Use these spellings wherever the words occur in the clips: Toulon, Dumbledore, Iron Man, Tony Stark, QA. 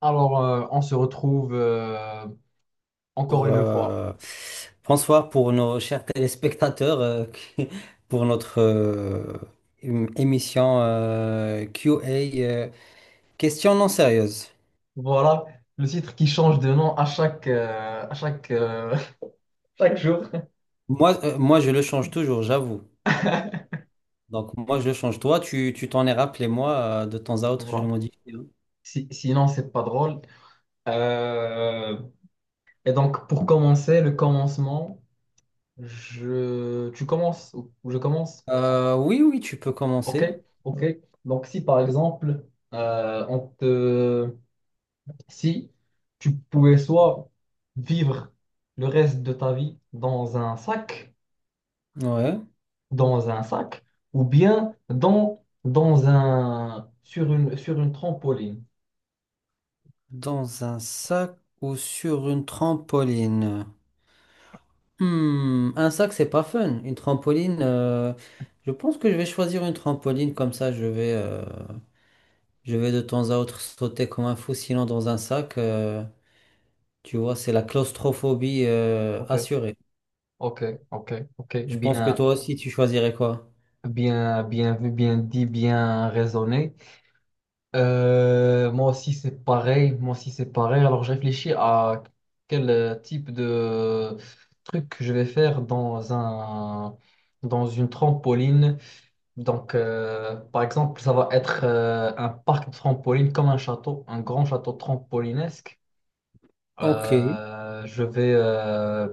Alors, on se retrouve encore pour, une fois. euh, Bonsoir pour nos chers téléspectateurs, pour notre émission QA, euh, question non sérieuse. Voilà, le titre qui change de nom à chaque Moi, je le change toujours, j'avoue. Donc, moi, je le change. Toi, tu t'en es rappelé, moi, de temps à autre, je le voilà. modifie. Hein. Sinon, c'est pas drôle. Euh, et donc, pour commencer, le commencement, tu commences ou je commence? Oui, oui, tu peux Ok, commencer. ok. Donc, si par exemple, on si tu pouvais soit vivre le reste de ta vie dans un sac, Ouais. dans un sac ou bien dans un, sur une trampoline. Dans un sac ou sur une trampoline. Hmm, un sac, c'est pas fun. Une trampoline, je pense que je vais choisir une trampoline comme ça. Je vais de temps à autre sauter comme un fou. Sinon, dans un sac, tu vois, c'est la claustrophobie, Ok, assurée. ok, ok. Je pense que toi aussi, tu choisirais quoi? Bien, bien vu, bien dit, bien raisonné. Moi aussi, c'est pareil. Moi aussi, c'est pareil. Alors, je réfléchis à quel type de truc que je vais faire dans dans une trampoline. Donc, par exemple, ça va être un parc de trampoline comme un château, un grand château trampolinesque. Ok, ouais, Euh, je vais, euh,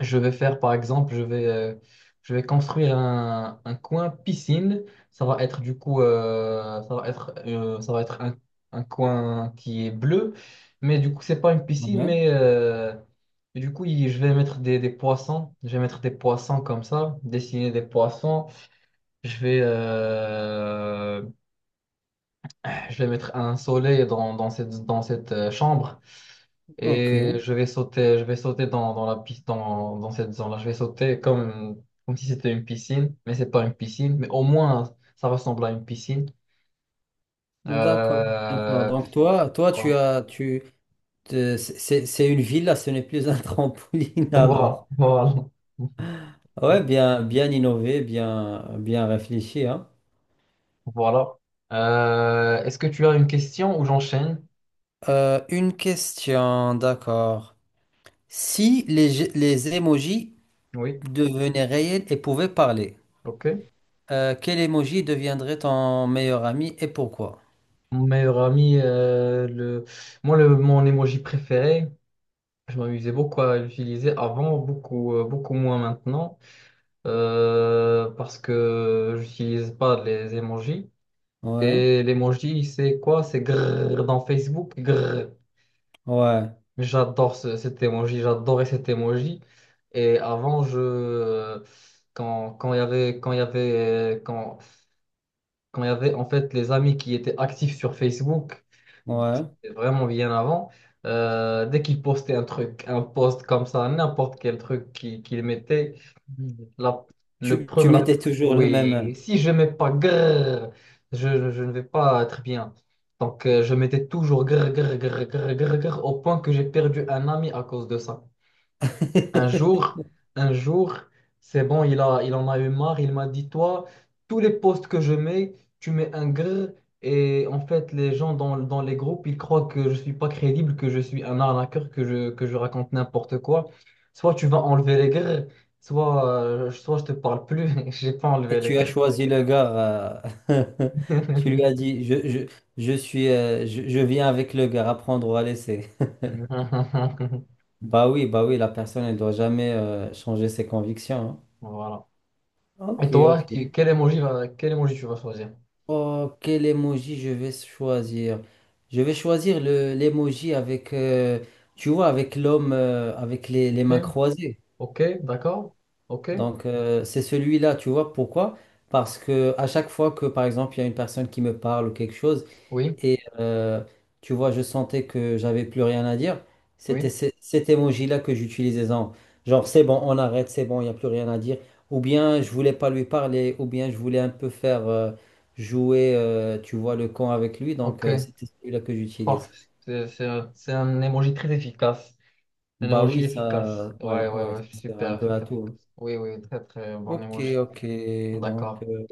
je vais faire, par exemple, je vais construire un coin piscine. Ça va être du coup, ça va être un coin qui est bleu, mais du coup, c'est pas une piscine, je vais mettre des poissons. Je vais mettre des poissons comme ça, dessiner des poissons. Je vais, euh, je vais mettre un soleil dans cette chambre. ok, Et je vais sauter dans la piste, dans cette zone-là. Je vais sauter comme si c'était une piscine, mais c'est pas une piscine, mais au moins ça ressemble à une piscine. d'accord, d'accord. Euh, Donc toi, toi, tu voilà, as, tu, te- c'est une villa, ce n'est plus un trampoline alors. Voilà. Ouais, bien, bien innové, bien, bien réfléchi, hein. Voilà. Est-ce que tu as une question ou j'enchaîne? Une question, d'accord. Si les, je- Les émojis Oui, devenaient réels et pouvaient parler, ok. Quel émoji deviendrait ton meilleur ami et pourquoi? Mon meilleur ami, moi, mon emoji préféré, je m'amusais beaucoup à l'utiliser avant, beaucoup, beaucoup moins maintenant. Parce que j'utilise pas les emojis. Ouais, Et l'emoji, c'est quoi? C'est grrr dans Facebook, grrr. ouais, J'adore cet emoji, j'adorais cet emoji. Et avant, je, quand, quand il y avait, quand il y avait, quand, quand il y avait en fait les amis qui étaient actifs sur Facebook, donc, ouais. c'était vraiment bien avant. Dès qu'il postait un truc, un post comme ça, n'importe quel truc qu'il mettait, la, le Tu premier, la- mettais toujours le même. oui, si je mets pas grrr, je ne vais pas être bien. Donc, je mettais toujours grrr, grrr, grrr, grrr, grrr, grrr, au point que j'ai perdu un ami à cause de ça. Un jour, un jour, c'est bon, il en a eu marre. Il m'a dit, toi, tous les posts que je mets, tu mets un grrr. Et en fait, les gens dans les groupes, ils croient que je suis pas crédible, que je suis un arnaqueur, que je raconte n'importe quoi. Soit tu vas enlever les grrrs, soit je te parle plus. J'ai pas Et enlevé les tu as grrrs. choisi le gars. euh, Tu lui as dit, je suis, je viens avec le gars, à prendre ou à laisser. Bah oui, la personne, elle doit jamais changer ses convictions. Voilà. Hein. Ok, Et toi, ok. quel emoji va, quel emoji tu vas choisir? Oh, quel emoji je vais choisir? Je vais choisir le l'emoji avec, tu vois, avec l'homme avec les Ok, mains croisées. ok, d'accord, ok, Donc, c'est celui-là, tu vois, pourquoi? Parce que à chaque fois que, par exemple, il y a une personne qui me parle ou quelque chose, oui, et tu vois, je sentais que j'avais plus rien à dire. C'était oui, cet emoji-là que j'utilisais. Genre, c'est bon, on arrête, c'est bon, il n'y a plus rien à dire. Ou bien je voulais pas lui parler, ou bien je voulais un peu faire jouer, tu vois, le con avec lui. Donc, ok. c'était celui-là que j'utilise. Parfait. C'est un emoji très efficace. Un Bah oui, emoji efficace. ça, Ouais, ouais, ouais, ouais, ouais. ça sert un Super, peu à super efficace. tout. Hein. Oui, oui, très, très bon Ok, emoji. ok. Donc, D'accord.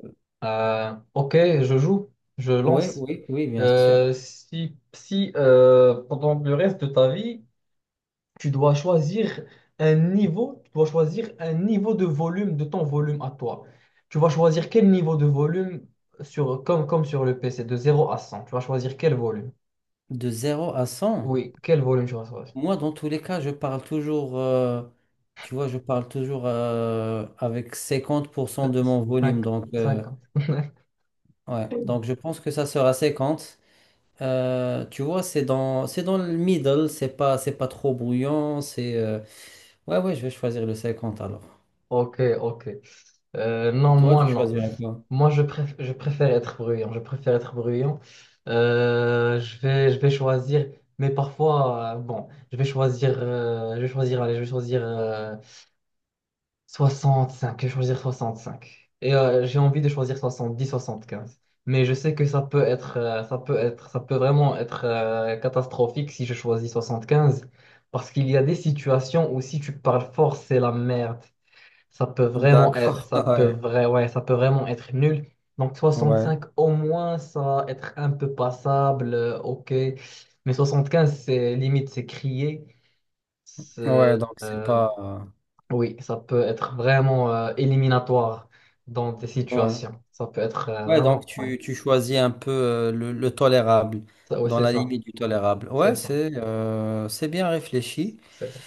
Ok, je joue. Je ouais, lance. oui, oui, bien sûr. Si si Pendant le reste de ta vie, tu dois choisir un niveau, tu dois choisir un niveau de volume de ton volume à toi. Tu vas choisir quel niveau de volume sur, comme sur le PC, de 0 à 100. Tu vas choisir quel volume. De zéro à cent. Oui, quel volume tu vas choisir. Moi, dans tous les cas, je parle toujours, avec 50% de mon volume. Cinq- Donc, Cinquante. ouais. Donc, je pense que ça sera cinquante. Tu vois, c'est dans le middle, c'est pas trop bruyant. Ouais, ouais, je vais choisir le 50 alors. Ok, ok. Non, Toi, tu moi, non. choisirais quoi? Moi, je préfère être bruyant. Je préfère être bruyant. Je vais choisir, mais parfois, bon, allez, je vais choisir 65, je vais choisir 65. Et j'ai envie de choisir 70, 75. Mais je sais que ça peut vraiment être catastrophique si je choisis 75. Parce qu'il y a des situations où si tu parles fort, c'est la merde. Ça peut vraiment être, D'accord, ça peut ouais, vrai, ouais, ça peut vraiment être nul. Donc ouais, 65, au moins, ça va être un peu passable, ok. Mais 75, c'est limite, c'est crier. C'est, ouais, donc c'est euh, pas. oui, ça peut être vraiment éliminatoire dans des Ouais. situations. Ça peut être Ouais, donc vraiment, ouais. Tu choisis un peu le tolérable, Ça, ouais, dans c'est la ça. limite du tolérable. C'est Ouais, ça. C'est bien réfléchi. C'est ça.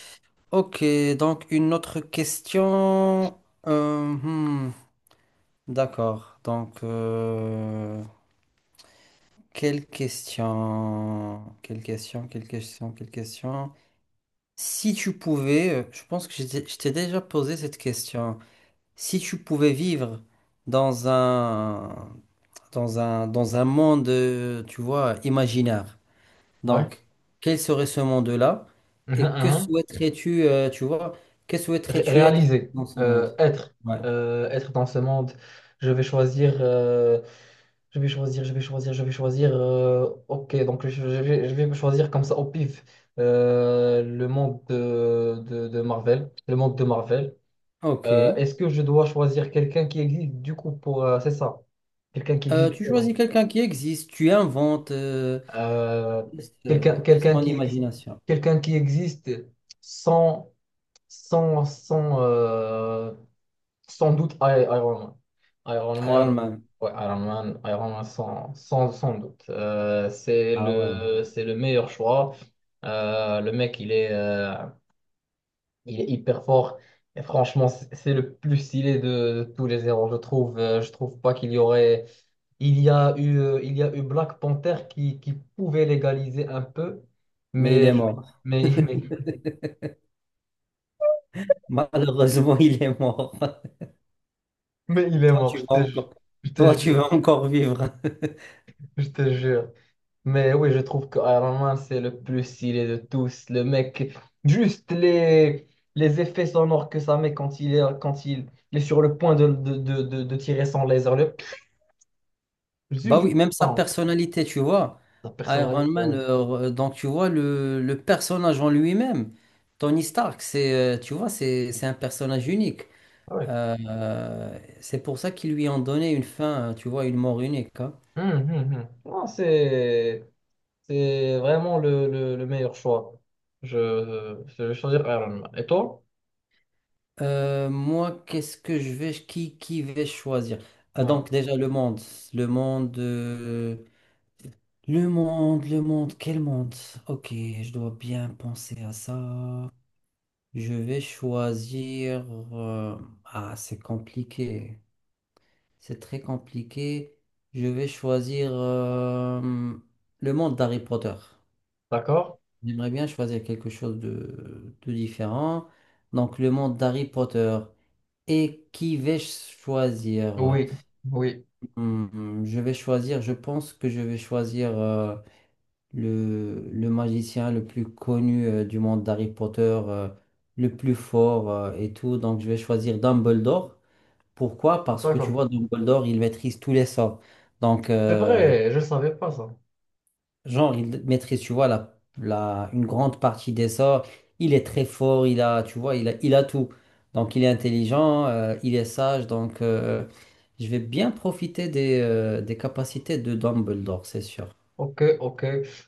Ok, donc une autre question. Euh, hmm, d'accord. Donc, quelle question? Quelle question? Quelle question? Quelle question? Si tu pouvais, je pense que je t'ai déjà posé cette question. Si tu pouvais vivre dans un, dans un monde, tu vois, imaginaire, Ouais. donc quel serait ce monde-là Mhm. et que Mhm. souhaiterais-tu, tu vois, que Ré- souhaiterais-tu être réaliser, dans ce monde? euh, être, Ouais. Être dans ce monde. Je vais choisir, je vais choisir, je vais choisir, Je vais choisir. Ok, donc je vais me choisir comme ça au pif. Le monde de Marvel, le monde de Marvel. Ok. Est-ce que je dois choisir quelqu'un qui existe du coup pour... c'est ça. Quelqu'un qui existe. Tu Pardon. choisis quelqu'un qui existe, tu inventes, Euh, laisse quelqu'un ton imagination. quelqu'un qui existe sans, sans, sans, euh, sans doute Iron Man. Iron Iron Man, Man. ouais, Iron Man sans doute. C'est Ah ouais. le, c'est le meilleur choix. Le mec, il est, Il est hyper fort. Et franchement, c'est le plus stylé de tous les héros, je trouve. Je trouve pas qu'il y aurait. Il y a eu Black Panther qui pouvait l'égaliser un peu, Mais il mais, est mort. mais, mais, Malheureusement, il est mort. mais il est Toi, mort, tu vas encore, je te Toi, tu jure. vas encore vivre. Je te jure. Mais oui, je trouve que Iron Man, c'est le plus stylé de tous. Le mec, juste les effets sonores que ça met quand quand il, est sur le point de tirer son laser. Le... Bah oui, Juste même sa ça. personnalité, tu vois. Sa Iron personnalité, Man, oui. Donc tu vois, le personnage en lui-même, Tony Stark, tu vois, c'est un personnage unique. Ah oui. C'est pour ça qu'ils lui ont donné une fin, tu vois, une mort unique. Hein. Non, C'est vraiment le meilleur choix. Je vais choisir Iron Man. Et toi? Moi, qu'est-ce que je vais, Qui vais choisir? Ah, Ouais. donc déjà le monde, le monde, euh, le monde, quel monde? Ok, je dois bien penser à ça. Je vais choisir. euh, Ah, c'est compliqué. C'est très compliqué. Je vais choisir le monde d'Harry Potter. D'accord? J'aimerais bien choisir quelque chose de différent. Donc, le monde d'Harry Potter. Et qui vais-je choisir? Oui, oui. Hmm, je pense que je vais choisir. Le magicien le plus connu du monde d'Harry Potter, le plus fort et tout. Donc, je vais choisir Dumbledore. Pourquoi? Parce que tu D'accord. vois, Dumbledore, il maîtrise tous les sorts. Donc, C'est vrai, je ne savais pas ça. genre, il maîtrise, tu vois, une grande partie des sorts. Il est très fort, il a tout. Donc, il est intelligent, il est sage. Donc, je vais bien profiter des capacités de Dumbledore, c'est sûr. Ok, ok.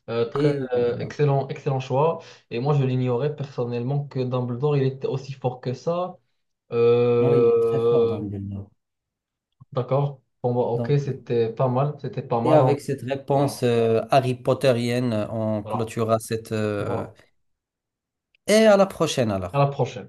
Et voilà. Excellent choix. Et moi, je l'ignorais personnellement que Dumbledore, il était aussi fort que ça. Oui, il est très fort, Euh, Dumbledore. d'accord. Bon, bah, ok, Donc, c'était pas mal. C'était pas et mal. Hein. avec cette Voilà, réponse Harry Potterienne, on voilà, clôturera cette... voilà. Et à la prochaine À la alors. prochaine.